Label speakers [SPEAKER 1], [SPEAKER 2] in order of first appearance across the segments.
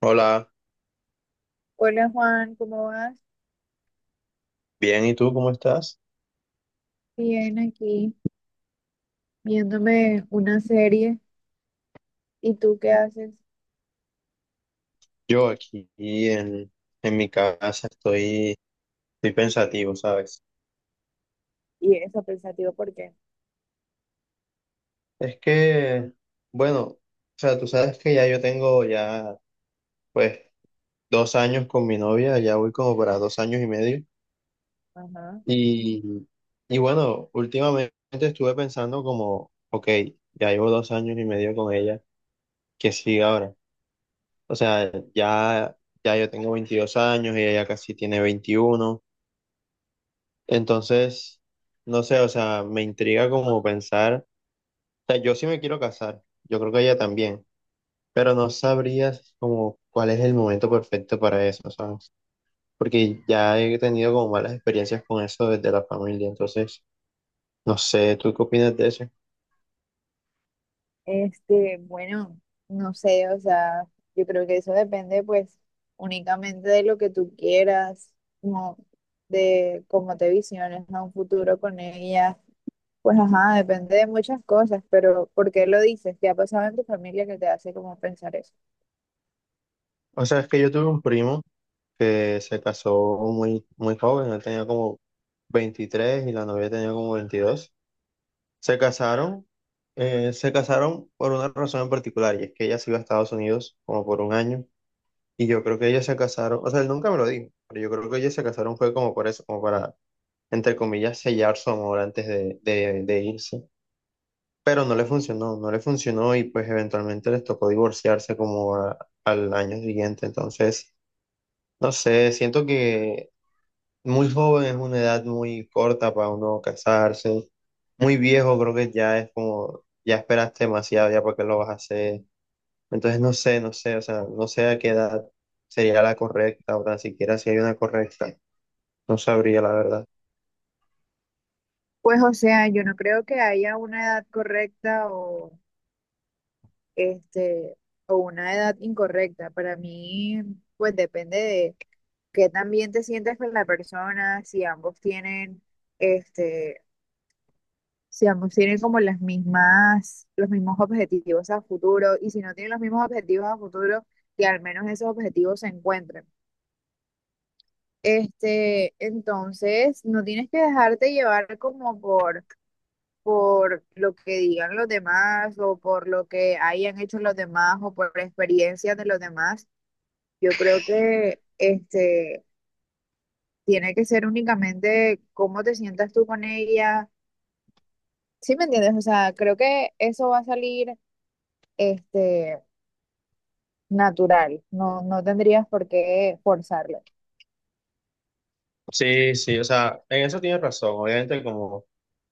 [SPEAKER 1] Hola,
[SPEAKER 2] Hola Juan, ¿cómo vas?
[SPEAKER 1] bien, ¿y tú cómo estás?
[SPEAKER 2] Bien, aquí viéndome una serie. ¿Y tú qué haces?
[SPEAKER 1] Yo aquí en mi casa estoy pensativo, ¿sabes?
[SPEAKER 2] Y eso, pensativo, ¿por qué?
[SPEAKER 1] Es que, bueno, o sea, tú sabes que ya yo tengo ya, pues, 2 años con mi novia, ya voy como para 2 años y medio.
[SPEAKER 2] Ajá.
[SPEAKER 1] Y, y bueno, últimamente estuve pensando como, ok, ya llevo 2 años y medio con ella, ¿qué sigue ahora? O sea, ya yo tengo 22 años, ella ya casi tiene 21. Entonces, no sé, o sea, me intriga como pensar, o sea, yo sí me quiero casar, yo creo que ella también, pero no sabrías como cuál es el momento perfecto para eso, ¿sabes? Porque ya he tenido como malas experiencias con eso desde la familia, entonces, no sé, ¿tú qué opinas de eso?
[SPEAKER 2] Bueno, no sé, o sea, yo creo que eso depende pues únicamente de lo que tú quieras, como de cómo te visiones a un futuro con ella. Pues ajá, depende de muchas cosas, pero ¿por qué lo dices? ¿Qué ha pasado en tu familia que te hace como pensar eso?
[SPEAKER 1] O sea, es que yo tuve un primo que se casó muy, muy joven, él tenía como 23 y la novia tenía como 22. Se casaron, se casaron por una razón en particular, y es que ella se iba a Estados Unidos como por un año, y yo creo que ellos se casaron, o sea, él nunca me lo dijo, pero yo creo que ellos se casaron fue como por eso, como para, entre comillas, sellar su amor antes de irse. Pero no le funcionó, no le funcionó y pues eventualmente les tocó divorciarse como al año siguiente. Entonces, no sé, siento que muy joven es una edad muy corta para uno casarse. Muy viejo creo que ya es como, ya esperaste demasiado ya porque lo vas a hacer. Entonces no sé, o sea, no sé a qué edad sería la correcta o tan siquiera si hay una correcta. No sabría la verdad.
[SPEAKER 2] Pues o sea, yo no creo que haya una edad correcta o este, o una edad incorrecta. Para mí, pues depende de qué también te sientas con la persona, si ambos tienen, este, si ambos tienen como las mismas, los mismos objetivos a futuro, y si no tienen los mismos objetivos a futuro, que al menos esos objetivos se encuentren. Entonces, no tienes que dejarte llevar como por lo que digan los demás o por lo que hayan hecho los demás o por experiencias de los demás. Yo creo que tiene que ser únicamente cómo te sientas tú con ella. ¿Sí me entiendes? O sea, creo que eso va a salir este natural. No, no tendrías por qué forzarlo.
[SPEAKER 1] Sí, sí, o sea, en eso tienes razón. Obviamente como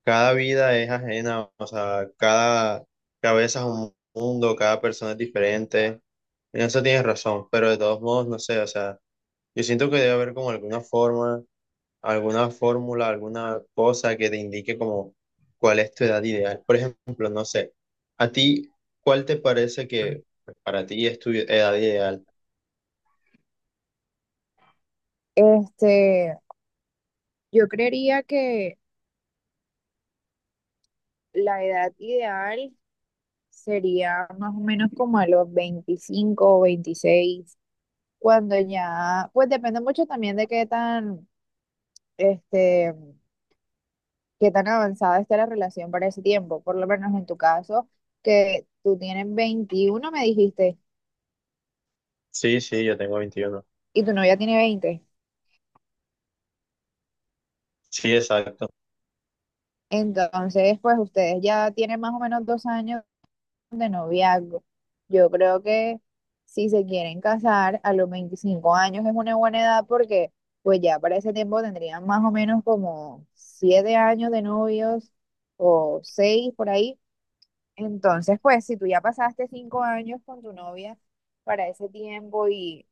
[SPEAKER 1] cada vida es ajena, o sea, cada cabeza es un mundo, cada persona es diferente. En eso tienes razón, pero de todos modos, no sé, o sea, yo siento que debe haber como alguna forma alguna fórmula, alguna cosa que te indique como cuál es tu edad ideal. Por ejemplo, no sé, a ti, ¿cuál te parece que pues, para ti es tu edad ideal?
[SPEAKER 2] Este, yo creería que la edad ideal sería más o menos como a los 25 o 26 cuando ya, pues depende mucho también de qué tan este qué tan avanzada está la relación para ese tiempo, por lo menos en tu caso, que tú tienes 21, me dijiste,
[SPEAKER 1] Sí, sí, yo tengo 21.
[SPEAKER 2] y tu novia tiene 20.
[SPEAKER 1] Sí, exacto.
[SPEAKER 2] Entonces, pues ustedes ya tienen más o menos 2 años de noviazgo. Yo creo que si se quieren casar a los 25 años es una buena edad porque pues ya para ese tiempo tendrían más o menos como 7 años de novios o 6 por ahí. Entonces, pues, si tú ya pasaste 5 años con tu novia para ese tiempo y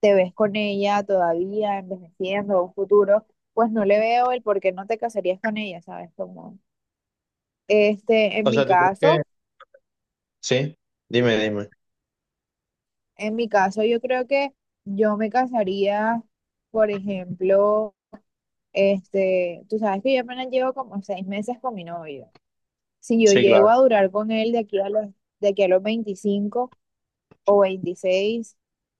[SPEAKER 2] te ves con ella todavía envejeciendo un futuro, pues no le veo el por qué no te casarías con ella, ¿sabes? Como, este, en
[SPEAKER 1] O
[SPEAKER 2] mi
[SPEAKER 1] sea, ¿tú crees que...?
[SPEAKER 2] caso,
[SPEAKER 1] Sí, dime, dime.
[SPEAKER 2] en mi caso, yo creo que yo me casaría, por ejemplo, tú sabes que yo apenas llevo como 6 meses con mi novio. Si yo
[SPEAKER 1] Sí,
[SPEAKER 2] llego
[SPEAKER 1] claro.
[SPEAKER 2] a durar con él de aquí a los 25 o 26,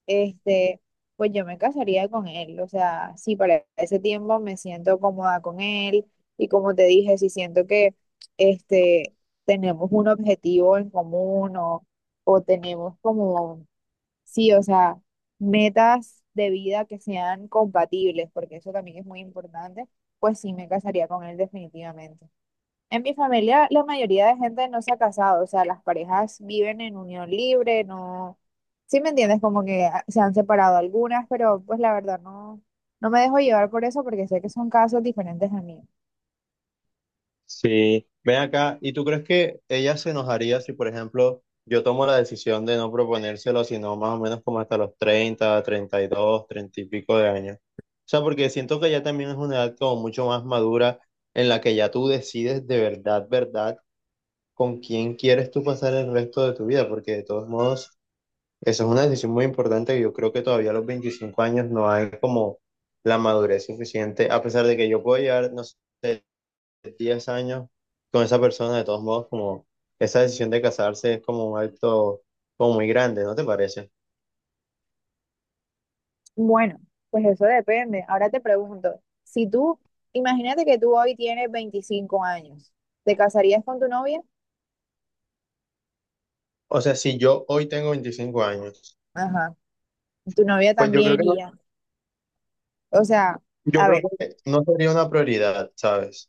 [SPEAKER 2] este, pues yo me casaría con él. O sea, sí, para ese tiempo me siento cómoda con él y como te dije, si siento que este, tenemos un objetivo en común o tenemos como, sí, o sea, metas de vida que sean compatibles, porque eso también es muy importante, pues sí me casaría con él definitivamente. En mi familia la mayoría de gente no se ha casado, o sea, las parejas viven en unión libre, no, sí me entiendes, como que ah, se han separado algunas, pero pues la verdad no me dejo llevar por eso porque sé que son casos diferentes a mí.
[SPEAKER 1] Sí, ven acá, ¿y tú crees que ella se enojaría si, por ejemplo, yo tomo la decisión de no proponérselo, sino más o menos como hasta los 30, 32, 30 y pico de años? O sea, porque siento que ya también es una edad como mucho más madura en la que ya tú decides de verdad, verdad, con quién quieres tú pasar el resto de tu vida, porque de todos modos, eso es una decisión muy importante y yo creo que todavía a los 25 años no hay como la madurez suficiente, a pesar de que yo puedo llegar, no sé 10 años con esa persona, de todos modos, como esa decisión de casarse es como un acto como muy grande, ¿no te parece?
[SPEAKER 2] Bueno, pues eso depende. Ahora te pregunto, si tú, imagínate que tú hoy tienes 25 años, ¿te casarías con tu novia?
[SPEAKER 1] O sea, si yo hoy tengo 25 años,
[SPEAKER 2] Ajá, tu novia
[SPEAKER 1] pues yo creo
[SPEAKER 2] también
[SPEAKER 1] que no,
[SPEAKER 2] y ya. O sea,
[SPEAKER 1] yo
[SPEAKER 2] a
[SPEAKER 1] creo
[SPEAKER 2] ver.
[SPEAKER 1] que no sería una prioridad, ¿sabes?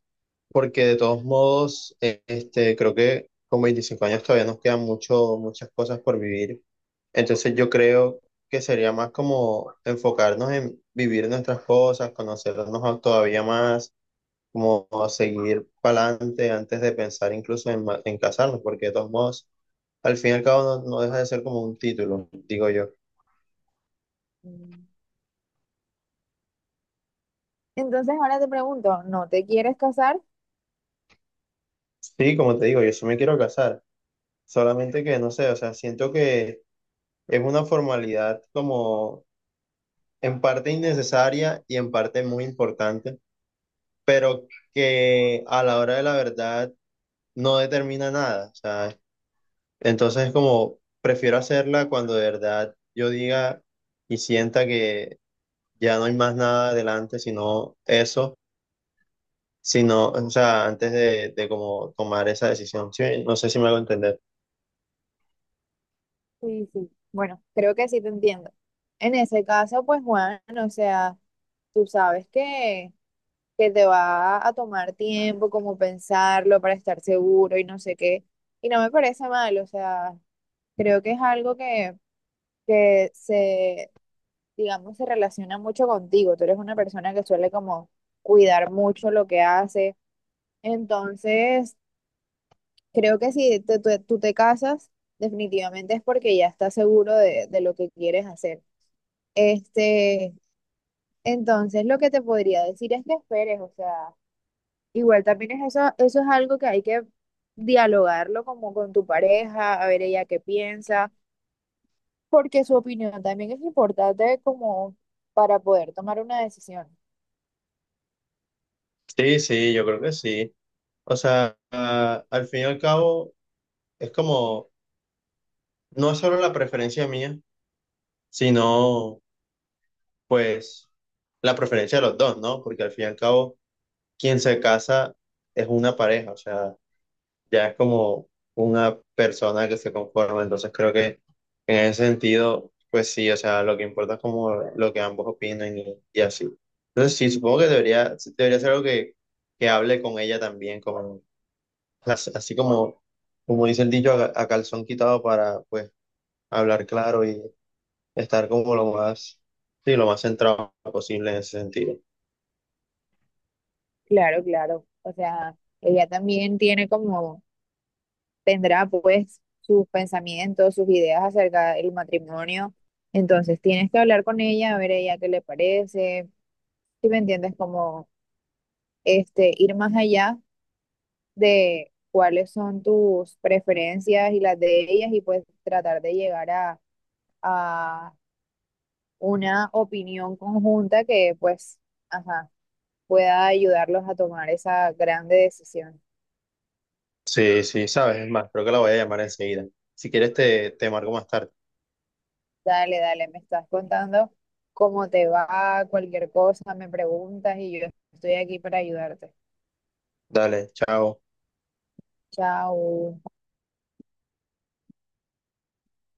[SPEAKER 1] Porque de todos modos, creo que con 25 años todavía nos quedan muchas cosas por vivir. Entonces yo creo que sería más como enfocarnos en vivir nuestras cosas, conocernos todavía más como a seguir para adelante antes de pensar incluso en casarnos, porque de todos modos, al fin y al cabo no deja de ser como un título, digo yo.
[SPEAKER 2] mm, Entonces ahora te pregunto, ¿no te quieres casar?
[SPEAKER 1] Sí, como te digo, yo sí me quiero casar, solamente que no sé, o sea, siento que es una formalidad como en parte innecesaria y en parte muy importante, pero que a la hora de la verdad no determina nada, o sea, entonces como prefiero hacerla cuando de verdad yo diga y sienta que ya no hay más nada adelante, sino eso, sino, o sea, antes de como tomar esa decisión. Sí, no sé si me hago entender.
[SPEAKER 2] Sí, sí. Bueno, creo que sí te entiendo. En ese caso, pues Juan, o sea, tú sabes que te va a tomar tiempo como pensarlo para estar seguro y no sé qué. Y no me parece mal, o sea, creo que es algo que se, digamos, se relaciona mucho contigo. Tú eres una persona que suele como cuidar mucho lo que hace. Entonces, creo que si tú te casas, definitivamente es porque ya estás seguro de lo que quieres hacer. Este, entonces lo que te podría decir es que esperes, o sea, igual también es eso, eso es algo que hay que dialogarlo como con tu pareja, a ver ella qué piensa, porque su opinión también es importante como para poder tomar una decisión.
[SPEAKER 1] Sí, sí, yo creo que sí. O sea, ah, al fin y al cabo, es como, no es solo la preferencia mía, sino, pues, la preferencia de los dos, ¿no? Porque al fin y al cabo, quien se casa es una pareja, o sea, ya es como una persona que se conforma, entonces creo que en ese sentido, pues sí, o sea, lo que importa es como lo que ambos opinan y así. Entonces sí, supongo que debería, sí, debería ser algo que hable con ella también, como, así como, como dice el dicho, a calzón quitado para pues hablar claro y estar como lo más, sí, lo más centrado posible en ese sentido.
[SPEAKER 2] Claro, claro. O sea, ella también tiene como, tendrá pues sus pensamientos, sus ideas acerca del matrimonio. Entonces tienes que hablar con ella, a ver ella qué le parece, si me entiendes, como ir más allá de cuáles son tus preferencias y las de ellas y pues tratar de llegar a una opinión conjunta que pues, ajá, pueda ayudarlos a tomar esa grande decisión.
[SPEAKER 1] Sí, sí, sabes, es más, creo que la voy a llamar enseguida. Si quieres te marco más tarde.
[SPEAKER 2] Dale, dale, me estás contando cómo te va, cualquier cosa, me preguntas y yo estoy aquí para ayudarte.
[SPEAKER 1] Dale, chao.
[SPEAKER 2] Chao.